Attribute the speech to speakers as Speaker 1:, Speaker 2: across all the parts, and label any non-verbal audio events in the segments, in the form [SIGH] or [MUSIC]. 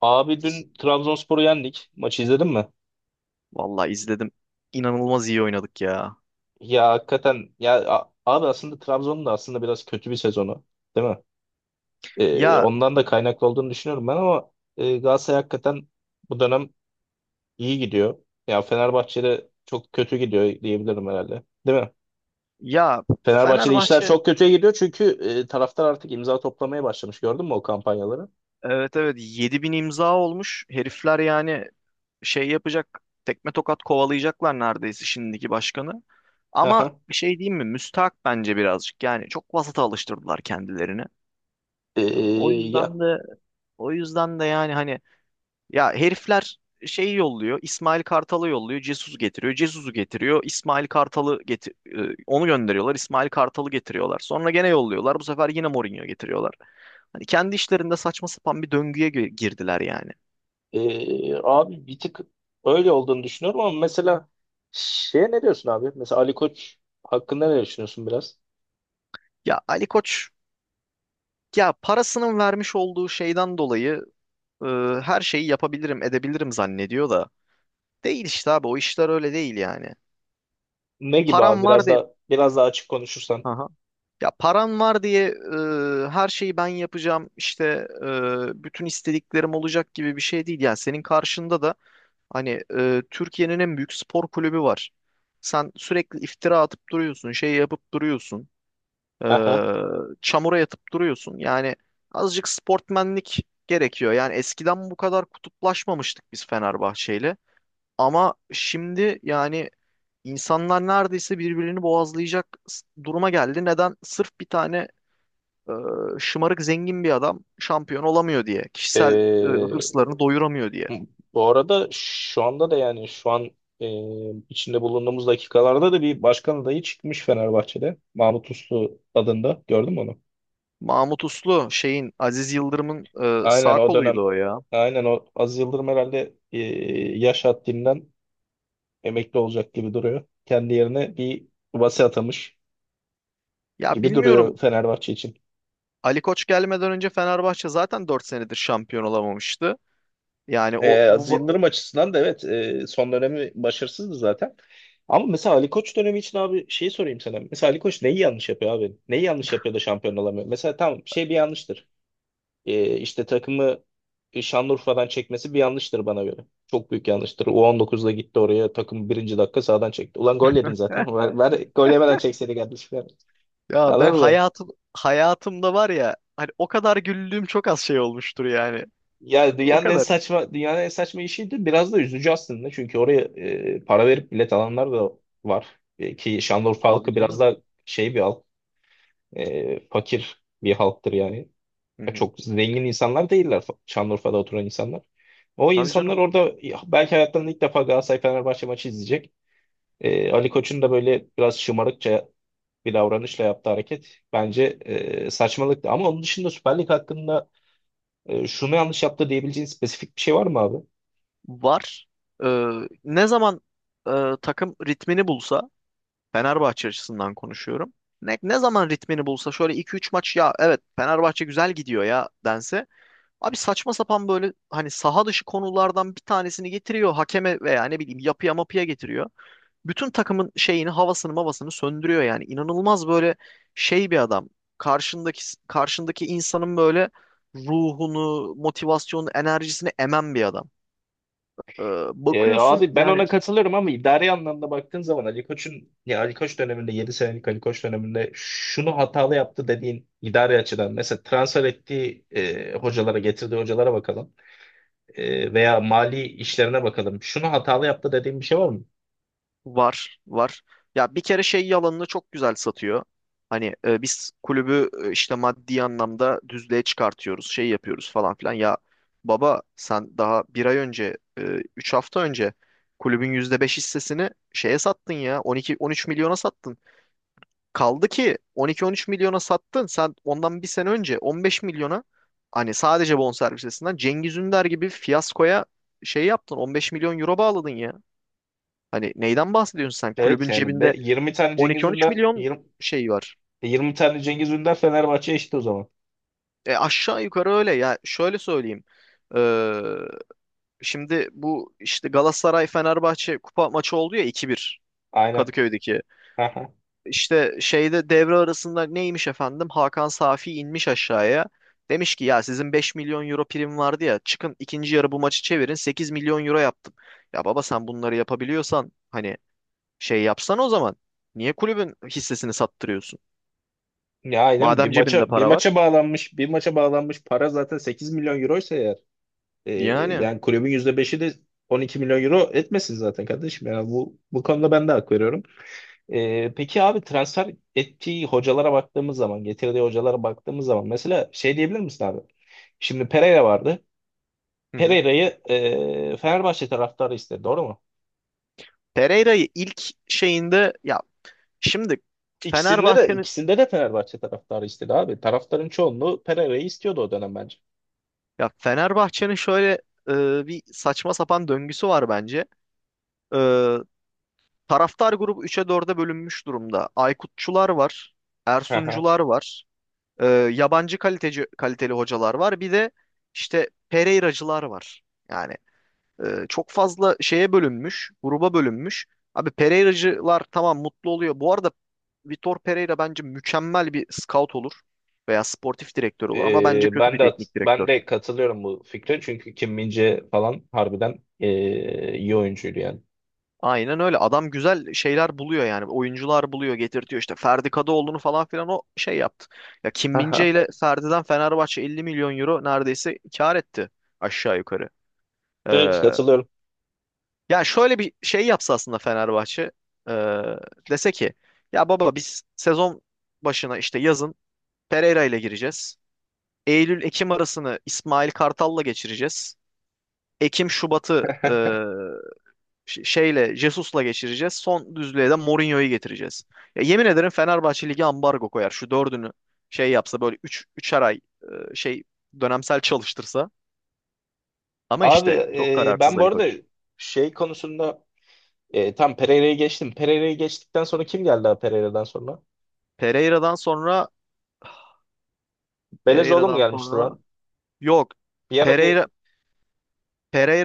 Speaker 1: Abi dün Trabzonspor'u yendik. Maçı izledin mi?
Speaker 2: Vallahi izledim. İnanılmaz iyi oynadık ya.
Speaker 1: Ya hakikaten ya abi aslında Trabzon'un da aslında biraz kötü bir sezonu değil mi?
Speaker 2: Ya
Speaker 1: Ondan da kaynaklı olduğunu düşünüyorum ben ama Galatasaray hakikaten bu dönem iyi gidiyor. Ya Fenerbahçe'de çok kötü gidiyor diyebilirim herhalde. Değil mi?
Speaker 2: ya
Speaker 1: Fenerbahçe'de işler
Speaker 2: Fenerbahçe.
Speaker 1: çok kötüye gidiyor çünkü taraftar artık imza toplamaya başlamış. Gördün mü o kampanyaları?
Speaker 2: Evet, evet, 7.000 imza olmuş. Herifler yani şey yapacak. Tekme tokat kovalayacaklar neredeyse şimdiki başkanı. Ama
Speaker 1: Aha.
Speaker 2: bir şey diyeyim mi? Müstahak bence birazcık. Yani çok vasata alıştırdılar kendilerini. O
Speaker 1: Ee,
Speaker 2: yüzden
Speaker 1: Ya
Speaker 2: de o yüzden de yani hani. Ya herifler şeyi yolluyor. İsmail Kartal'ı yolluyor. Jesus getiriyor. Jesus'u getiriyor. İsmail Kartal'ı getir e, onu gönderiyorlar. İsmail Kartal'ı getiriyorlar. Sonra gene yolluyorlar. Bu sefer yine Mourinho getiriyorlar. Hani kendi işlerinde saçma sapan bir döngüye girdiler yani.
Speaker 1: Abi bir tık öyle olduğunu düşünüyorum ama mesela şeye ne diyorsun abi? Mesela Ali Koç hakkında ne düşünüyorsun biraz?
Speaker 2: Ya Ali Koç, ya parasının vermiş olduğu şeyden dolayı, e, her şeyi yapabilirim, edebilirim zannediyor da değil işte abi, o işler öyle değil yani.
Speaker 1: Ne gibi abi?
Speaker 2: Param var
Speaker 1: Biraz
Speaker 2: diye.
Speaker 1: da biraz daha açık konuşursan.
Speaker 2: Ya param var diye, her şeyi ben yapacağım işte, bütün istediklerim olacak gibi bir şey değil. Yani senin karşında da hani, Türkiye'nin en büyük spor kulübü var. Sen sürekli iftira atıp duruyorsun, şey yapıp duruyorsun, e,
Speaker 1: [LAUGHS] Aha.
Speaker 2: çamura yatıp duruyorsun. Yani azıcık sportmenlik gerekiyor. Yani eskiden bu kadar kutuplaşmamıştık biz Fenerbahçe'yle. Ama şimdi yani insanlar neredeyse birbirini boğazlayacak duruma geldi. Neden? Sırf bir tane, e, şımarık zengin bir adam şampiyon olamıyor diye. Kişisel,
Speaker 1: Ee,
Speaker 2: hırslarını doyuramıyor diye.
Speaker 1: Bu arada şu anda da yani şu an e, içinde bulunduğumuz dakikalarda da bir başkan adayı çıkmış Fenerbahçe'de. Mahmut Uslu adında. Gördün mü onu?
Speaker 2: Mahmut Uslu şeyin, Aziz Yıldırım'ın,
Speaker 1: Aynen
Speaker 2: sağ
Speaker 1: o dönem
Speaker 2: koluydu o ya.
Speaker 1: aynen o Aziz Yıldırım herhalde yaş haddinden emekli olacak gibi duruyor. Kendi yerine bir Vase atamış
Speaker 2: Ya
Speaker 1: gibi duruyor
Speaker 2: bilmiyorum,
Speaker 1: Fenerbahçe için.
Speaker 2: Ali Koç gelmeden önce Fenerbahçe zaten 4 senedir şampiyon olamamıştı. Yani o
Speaker 1: Aziz Yıldırım açısından da evet, son dönemi başarısızdı zaten. Ama mesela Ali Koç dönemi için abi şeyi sorayım sana. Mesela Ali Koç neyi yanlış yapıyor abi? Neyi yanlış yapıyor da şampiyon olamıyor? Mesela tamam şey bir yanlıştır. İşte takımı Şanlıurfa'dan çekmesi bir yanlıştır bana göre. Çok büyük yanlıştır. U19'da gitti oraya takım, birinci dakika sağdan çekti. Ulan gol yedin zaten. [LAUGHS] Ver, ver, gol yemeden çekseydi kardeşim. Yani.
Speaker 2: ya ben
Speaker 1: Anladın mı?
Speaker 2: hayatımda var ya hani o kadar güldüğüm çok az şey olmuştur yani.
Speaker 1: Yani
Speaker 2: [LAUGHS] O
Speaker 1: dünyanın en
Speaker 2: kadar.
Speaker 1: saçma dünyanın en saçma işiydi. Biraz da üzücü aslında. Çünkü oraya para verip bilet alanlar da var. E, ki Şanlıurfa
Speaker 2: Tabii
Speaker 1: halkı biraz
Speaker 2: canım.
Speaker 1: da şey bir halk. Fakir bir halktır yani.
Speaker 2: Hı
Speaker 1: Ya
Speaker 2: hı.
Speaker 1: çok zengin insanlar değiller, Şanlıurfa'da oturan insanlar. O
Speaker 2: Tabii canım.
Speaker 1: insanlar orada ya, belki hayatlarında ilk defa Galatasaray-Fenerbahçe maçı izleyecek. E, Ali Koç'un da böyle biraz şımarıkça bir davranışla yaptığı hareket bence saçmalıktı. Ama onun dışında Süper Lig hakkında şunu yanlış yaptı diyebileceğin spesifik bir şey var mı abi?
Speaker 2: Var. Ee, ne zaman, e, takım ritmini bulsa, Fenerbahçe açısından konuşuyorum. Ne zaman ritmini bulsa şöyle iki üç maç ya evet Fenerbahçe güzel gidiyor ya dense. Abi saçma sapan böyle hani saha dışı konulardan bir tanesini getiriyor hakeme veya ne bileyim yapıya mapıya getiriyor. Bütün takımın şeyini havasını mavasını söndürüyor yani. İnanılmaz böyle şey bir adam. Karşındaki karşındaki insanın böyle ruhunu, motivasyonunu, enerjisini emen bir adam. Ee, bakıyorsun
Speaker 1: Abi ben
Speaker 2: yani.
Speaker 1: ona katılırım ama idari anlamda baktığın zaman Ali Koç'un, ya Ali Koç döneminde, 7 senelik Ali Koç döneminde şunu hatalı yaptı dediğin, idari açıdan mesela transfer ettiği hocalara, getirdiği hocalara bakalım. E, veya mali işlerine bakalım. Şunu hatalı yaptı dediğin bir şey var mı?
Speaker 2: Var, var. Ya bir kere şey yalanını çok güzel satıyor. Hani, biz kulübü, işte maddi anlamda düzlüğe çıkartıyoruz, şey yapıyoruz falan filan. Ya baba sen daha bir ay önce, 3 hafta önce, kulübün %5 hissesini şeye sattın ya, 12-13 milyona sattın. Kaldı ki 12-13 milyona sattın. Sen ondan bir sene önce 15 milyona hani sadece bonservisinden Cengiz Ünder gibi fiyaskoya şey yaptın. 15 milyon euro bağladın ya. Hani neyden bahsediyorsun sen?
Speaker 1: Evet
Speaker 2: Kulübün
Speaker 1: yani
Speaker 2: cebinde
Speaker 1: 20 tane Cengiz
Speaker 2: 12-13
Speaker 1: Ünder
Speaker 2: milyon
Speaker 1: 20,
Speaker 2: şey var.
Speaker 1: 20 tane Cengiz Ünder Fenerbahçe eşit o zaman.
Speaker 2: E aşağı yukarı öyle ya. Şöyle söyleyeyim. Ee, şimdi bu işte Galatasaray Fenerbahçe kupa maçı oldu ya, 2-1,
Speaker 1: Aynen.
Speaker 2: Kadıköy'deki.
Speaker 1: Aha.
Speaker 2: İşte şeyde devre arasında neymiş efendim? Hakan Safi inmiş aşağıya. Demiş ki ya sizin 5 milyon euro prim vardı ya çıkın ikinci yarı bu maçı çevirin 8 milyon euro yaptım. Ya baba sen bunları yapabiliyorsan hani şey yapsan o zaman niye kulübün hissesini sattırıyorsun?
Speaker 1: Ya aynen bir
Speaker 2: Madem cebinde
Speaker 1: maça bir
Speaker 2: para var.
Speaker 1: maça bağlanmış bir maça bağlanmış para zaten 8 milyon euroysa eğer. Ee,
Speaker 2: Yani.
Speaker 1: Yani kulübün %5'i de 12 milyon euro etmesin zaten kardeşim. Yani bu konuda ben de hak veriyorum. Peki abi transfer ettiği hocalara baktığımız zaman, getirdiği hocalara baktığımız zaman mesela şey diyebilir misin abi? Şimdi Pereira vardı.
Speaker 2: Hı hı.
Speaker 1: Pereira'yı Fenerbahçe taraftarı istedi, doğru mu?
Speaker 2: Pereira'yı ilk şeyinde ya şimdi
Speaker 1: İkisinde de
Speaker 2: Fenerbahçe'nin,
Speaker 1: ikisinde de Fenerbahçe taraftarı istedi abi. Taraftarın çoğunluğu Pereira'yı istiyordu o dönem bence.
Speaker 2: şöyle, bir saçma sapan döngüsü var bence. E, taraftar grubu üç'e dörde bölünmüş durumda. Aykutçular var,
Speaker 1: [LAUGHS]
Speaker 2: Ersuncular var, e, yabancı kaliteli hocalar var. Bir de işte Pereiracılar var. Yani, çok fazla şeye bölünmüş, gruba bölünmüş. Abi Pereira'cılar tamam mutlu oluyor. Bu arada Vitor Pereira bence mükemmel bir scout olur veya sportif direktör olur ama bence
Speaker 1: Ee,
Speaker 2: kötü
Speaker 1: ben
Speaker 2: bir
Speaker 1: de
Speaker 2: teknik
Speaker 1: ben
Speaker 2: direktör.
Speaker 1: de katılıyorum bu fikre, çünkü Kim Min-jae falan harbiden iyi oyuncuydu yani.
Speaker 2: Aynen öyle. Adam güzel şeyler buluyor yani. Oyuncular buluyor, getirtiyor işte. Ferdi Kadıoğlu'nu falan filan o şey yaptı. Ya Kim Min-jae
Speaker 1: Aha.
Speaker 2: ile Ferdi'den Fenerbahçe 50 milyon euro neredeyse kar etti aşağı yukarı.
Speaker 1: Evet,
Speaker 2: Ee,
Speaker 1: katılıyorum.
Speaker 2: Ya şöyle bir şey yapsa aslında Fenerbahçe, e, dese ki ya baba biz sezon başına işte yazın Pereira ile gireceğiz. Eylül-Ekim arasını İsmail Kartal'la geçireceğiz. Ekim-Şubat'ı,
Speaker 1: [LAUGHS]
Speaker 2: şeyle Jesus'la geçireceğiz. Son düzlüğe de Mourinho'yu getireceğiz. Ya yemin ederim Fenerbahçe Ligi ambargo koyar. Şu dördünü şey yapsa böyle üçer ay, şey dönemsel çalıştırsa. Ama
Speaker 1: Abi
Speaker 2: işte çok kararsız
Speaker 1: ben bu
Speaker 2: Ali
Speaker 1: arada
Speaker 2: Koç.
Speaker 1: şey konusunda tam Pereira'yı geçtim. Pereira'yı geçtikten sonra kim geldi abi, Pereira'dan sonra?
Speaker 2: Pereira'dan sonra
Speaker 1: Belezoğlu mu
Speaker 2: Pereira'dan
Speaker 1: gelmişti lan?
Speaker 2: sonra yok.
Speaker 1: Bir ara bir,
Speaker 2: Pereira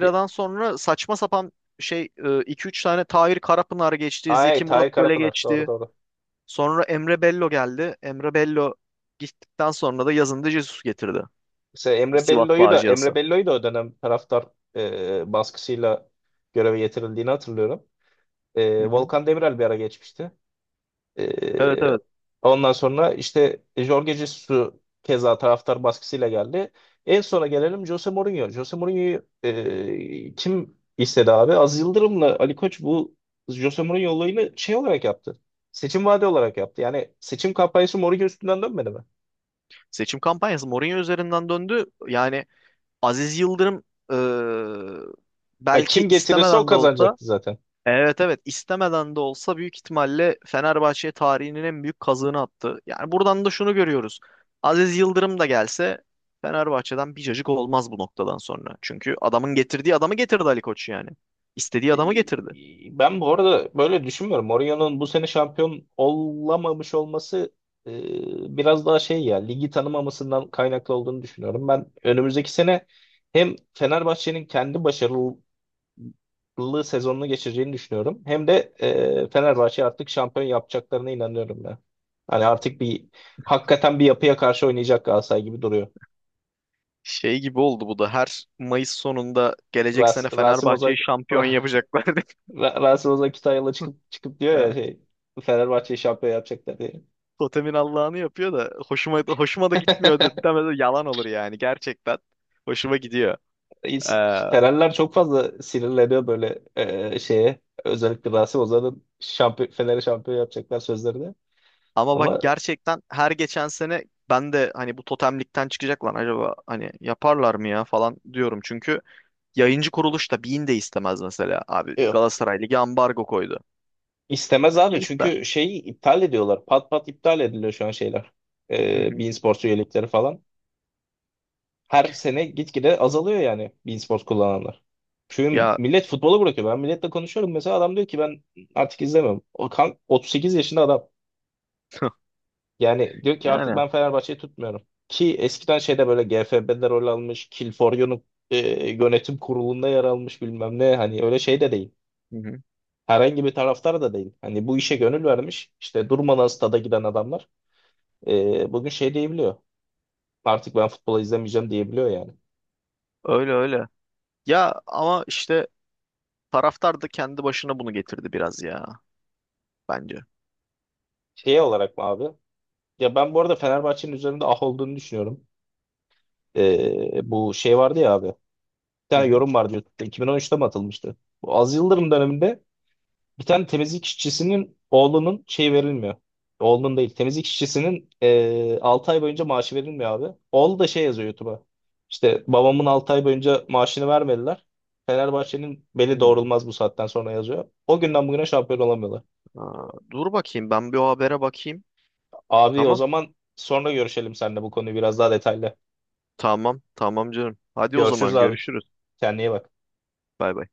Speaker 1: bir...
Speaker 2: sonra saçma sapan şey, iki üç tane Tahir Karapınar geçti.
Speaker 1: Ay
Speaker 2: Zeki
Speaker 1: Tahir
Speaker 2: Murat Göle
Speaker 1: Karapınar, doğru
Speaker 2: geçti.
Speaker 1: doğru.
Speaker 2: Sonra Emre Bello geldi. Emre Bello gittikten sonra da yazında Jesus getirdi.
Speaker 1: Mesela
Speaker 2: O
Speaker 1: Emre
Speaker 2: Sivas
Speaker 1: Bello'yu da
Speaker 2: faciası.
Speaker 1: Emre Bello'yu da o dönem taraftar baskısıyla göreve getirildiğini hatırlıyorum.
Speaker 2: Hı
Speaker 1: E,
Speaker 2: hı.
Speaker 1: Volkan Demirel bir ara geçmişti.
Speaker 2: Evet,
Speaker 1: Ee,
Speaker 2: evet.
Speaker 1: Ondan sonra işte Jorge Jesus keza taraftar baskısıyla geldi. En sona gelelim, Jose Mourinho. Jose Mourinho'yu kim istedi abi? Aziz Yıldırım'la Ali Koç bu Jose Mourinho olayını şey olarak yaptı. Seçim vaadi olarak yaptı. Yani seçim kampanyası Mourinho üstünden dönmedi mi?
Speaker 2: Seçim kampanyası Mourinho üzerinden döndü. Yani Aziz Yıldırım, e,
Speaker 1: Ha,
Speaker 2: belki
Speaker 1: kim getirirse o
Speaker 2: istemeden de olsa,
Speaker 1: kazanacaktı zaten.
Speaker 2: evet, evet, istemeden de olsa büyük ihtimalle Fenerbahçe tarihinin en büyük kazığını attı. Yani buradan da şunu görüyoruz. Aziz Yıldırım da gelse Fenerbahçe'den bir cacık olmaz bu noktadan sonra. Çünkü adamın getirdiği adamı getirdi Ali Koç yani. İstediği adamı
Speaker 1: E,
Speaker 2: getirdi.
Speaker 1: ben bu arada böyle düşünmüyorum. Mourinho'nun bu sene şampiyon olamamış olması biraz daha şey, ya ligi tanımamasından kaynaklı olduğunu düşünüyorum. Ben önümüzdeki sene hem Fenerbahçe'nin kendi başarılı sezonunu geçireceğini düşünüyorum, hem de Fenerbahçe artık şampiyon yapacaklarına inanıyorum ben. Hani artık bir hakikaten bir yapıya karşı oynayacak Galatasaray gibi duruyor.
Speaker 2: Şey gibi oldu bu da, her Mayıs sonunda gelecek sene
Speaker 1: Rasim Ozan
Speaker 2: Fenerbahçe'yi şampiyon
Speaker 1: [LAUGHS]
Speaker 2: yapacaklar [LAUGHS]
Speaker 1: Rasim Ozan Kütahyalı çıkıp çıkıp diyor ya
Speaker 2: diye.
Speaker 1: şey, Fenerbahçe'yi şampiyon yapacaklar diye.
Speaker 2: Totemin Allah'ını yapıyor da hoşuma da gitmiyor de,
Speaker 1: [LAUGHS]
Speaker 2: demedi yalan olur yani gerçekten. Hoşuma gidiyor.
Speaker 1: İns- Fenerler çok fazla sinirleniyor böyle şeye. Özellikle Rasim Ozan'ın şampiyon, Fener'i şampiyon yapacaklar sözlerine.
Speaker 2: Ama bak
Speaker 1: Ama
Speaker 2: gerçekten her geçen sene ben de hani bu totemlikten çıkacak lan acaba hani yaparlar mı ya falan diyorum. Çünkü yayıncı kuruluş da Bein de istemez mesela. Abi
Speaker 1: yok.
Speaker 2: Galatasaray Ligi ambargo koydu.
Speaker 1: İstemez
Speaker 2: Ya
Speaker 1: abi,
Speaker 2: kim
Speaker 1: çünkü
Speaker 2: ister?
Speaker 1: şeyi iptal ediyorlar. Pat pat iptal ediliyor şu an şeyler.
Speaker 2: Hı
Speaker 1: E,
Speaker 2: hı.
Speaker 1: beIN Sports üyelikleri falan. Her sene gitgide azalıyor yani e-spor kullananlar. Çünkü
Speaker 2: Ya
Speaker 1: millet futbolu bırakıyor. Ben milletle konuşuyorum. Mesela adam diyor ki ben artık izlemiyorum. O kan 38 yaşında adam.
Speaker 2: [LAUGHS]
Speaker 1: Yani diyor ki artık
Speaker 2: yani
Speaker 1: ben Fenerbahçe'yi tutmuyorum. Ki eskiden şeyde böyle GFB'de rol almış, Kilforyo'nun e, yönetim kurulunda yer almış, bilmem ne. Hani öyle şey de değil.
Speaker 2: hı hı.
Speaker 1: Herhangi bir taraftar da değil. Hani bu işe gönül vermiş, İşte durmadan stada giden adamlar bugün şey diyebiliyor. Artık ben futbolu izlemeyeceğim diyebiliyor yani.
Speaker 2: Öyle öyle. Ya ama işte taraftar da kendi başına bunu getirdi biraz ya bence.
Speaker 1: Şey olarak mı abi? Ya ben bu arada Fenerbahçe'nin üzerinde ah olduğunu düşünüyorum. Bu şey vardı ya abi. Bir
Speaker 2: Hı
Speaker 1: tane
Speaker 2: hı.
Speaker 1: yorum vardı YouTube'da. 2013'te mi atılmıştı? Bu Aziz Yıldırım döneminde bir tane temizlik işçisinin oğlunun şey verilmiyor. Oğlunun değil. Temizlik işçisinin 6 ay boyunca maaşı verilmiyor abi. Oğlu da şey yazıyor YouTube'a. İşte babamın 6 ay boyunca maaşını vermediler. Fenerbahçe'nin beli
Speaker 2: Hı.
Speaker 1: doğrulmaz bu saatten sonra, yazıyor. O günden bugüne şampiyon olamıyorlar.
Speaker 2: Aa, dur bakayım ben bir o habere bakayım.
Speaker 1: Abi o
Speaker 2: Tamam.
Speaker 1: zaman sonra görüşelim seninle bu konuyu biraz daha detaylı.
Speaker 2: Tamam. Tamam canım. Hadi o
Speaker 1: Görüşürüz
Speaker 2: zaman
Speaker 1: abi.
Speaker 2: görüşürüz.
Speaker 1: Kendine iyi bak.
Speaker 2: Bay bay.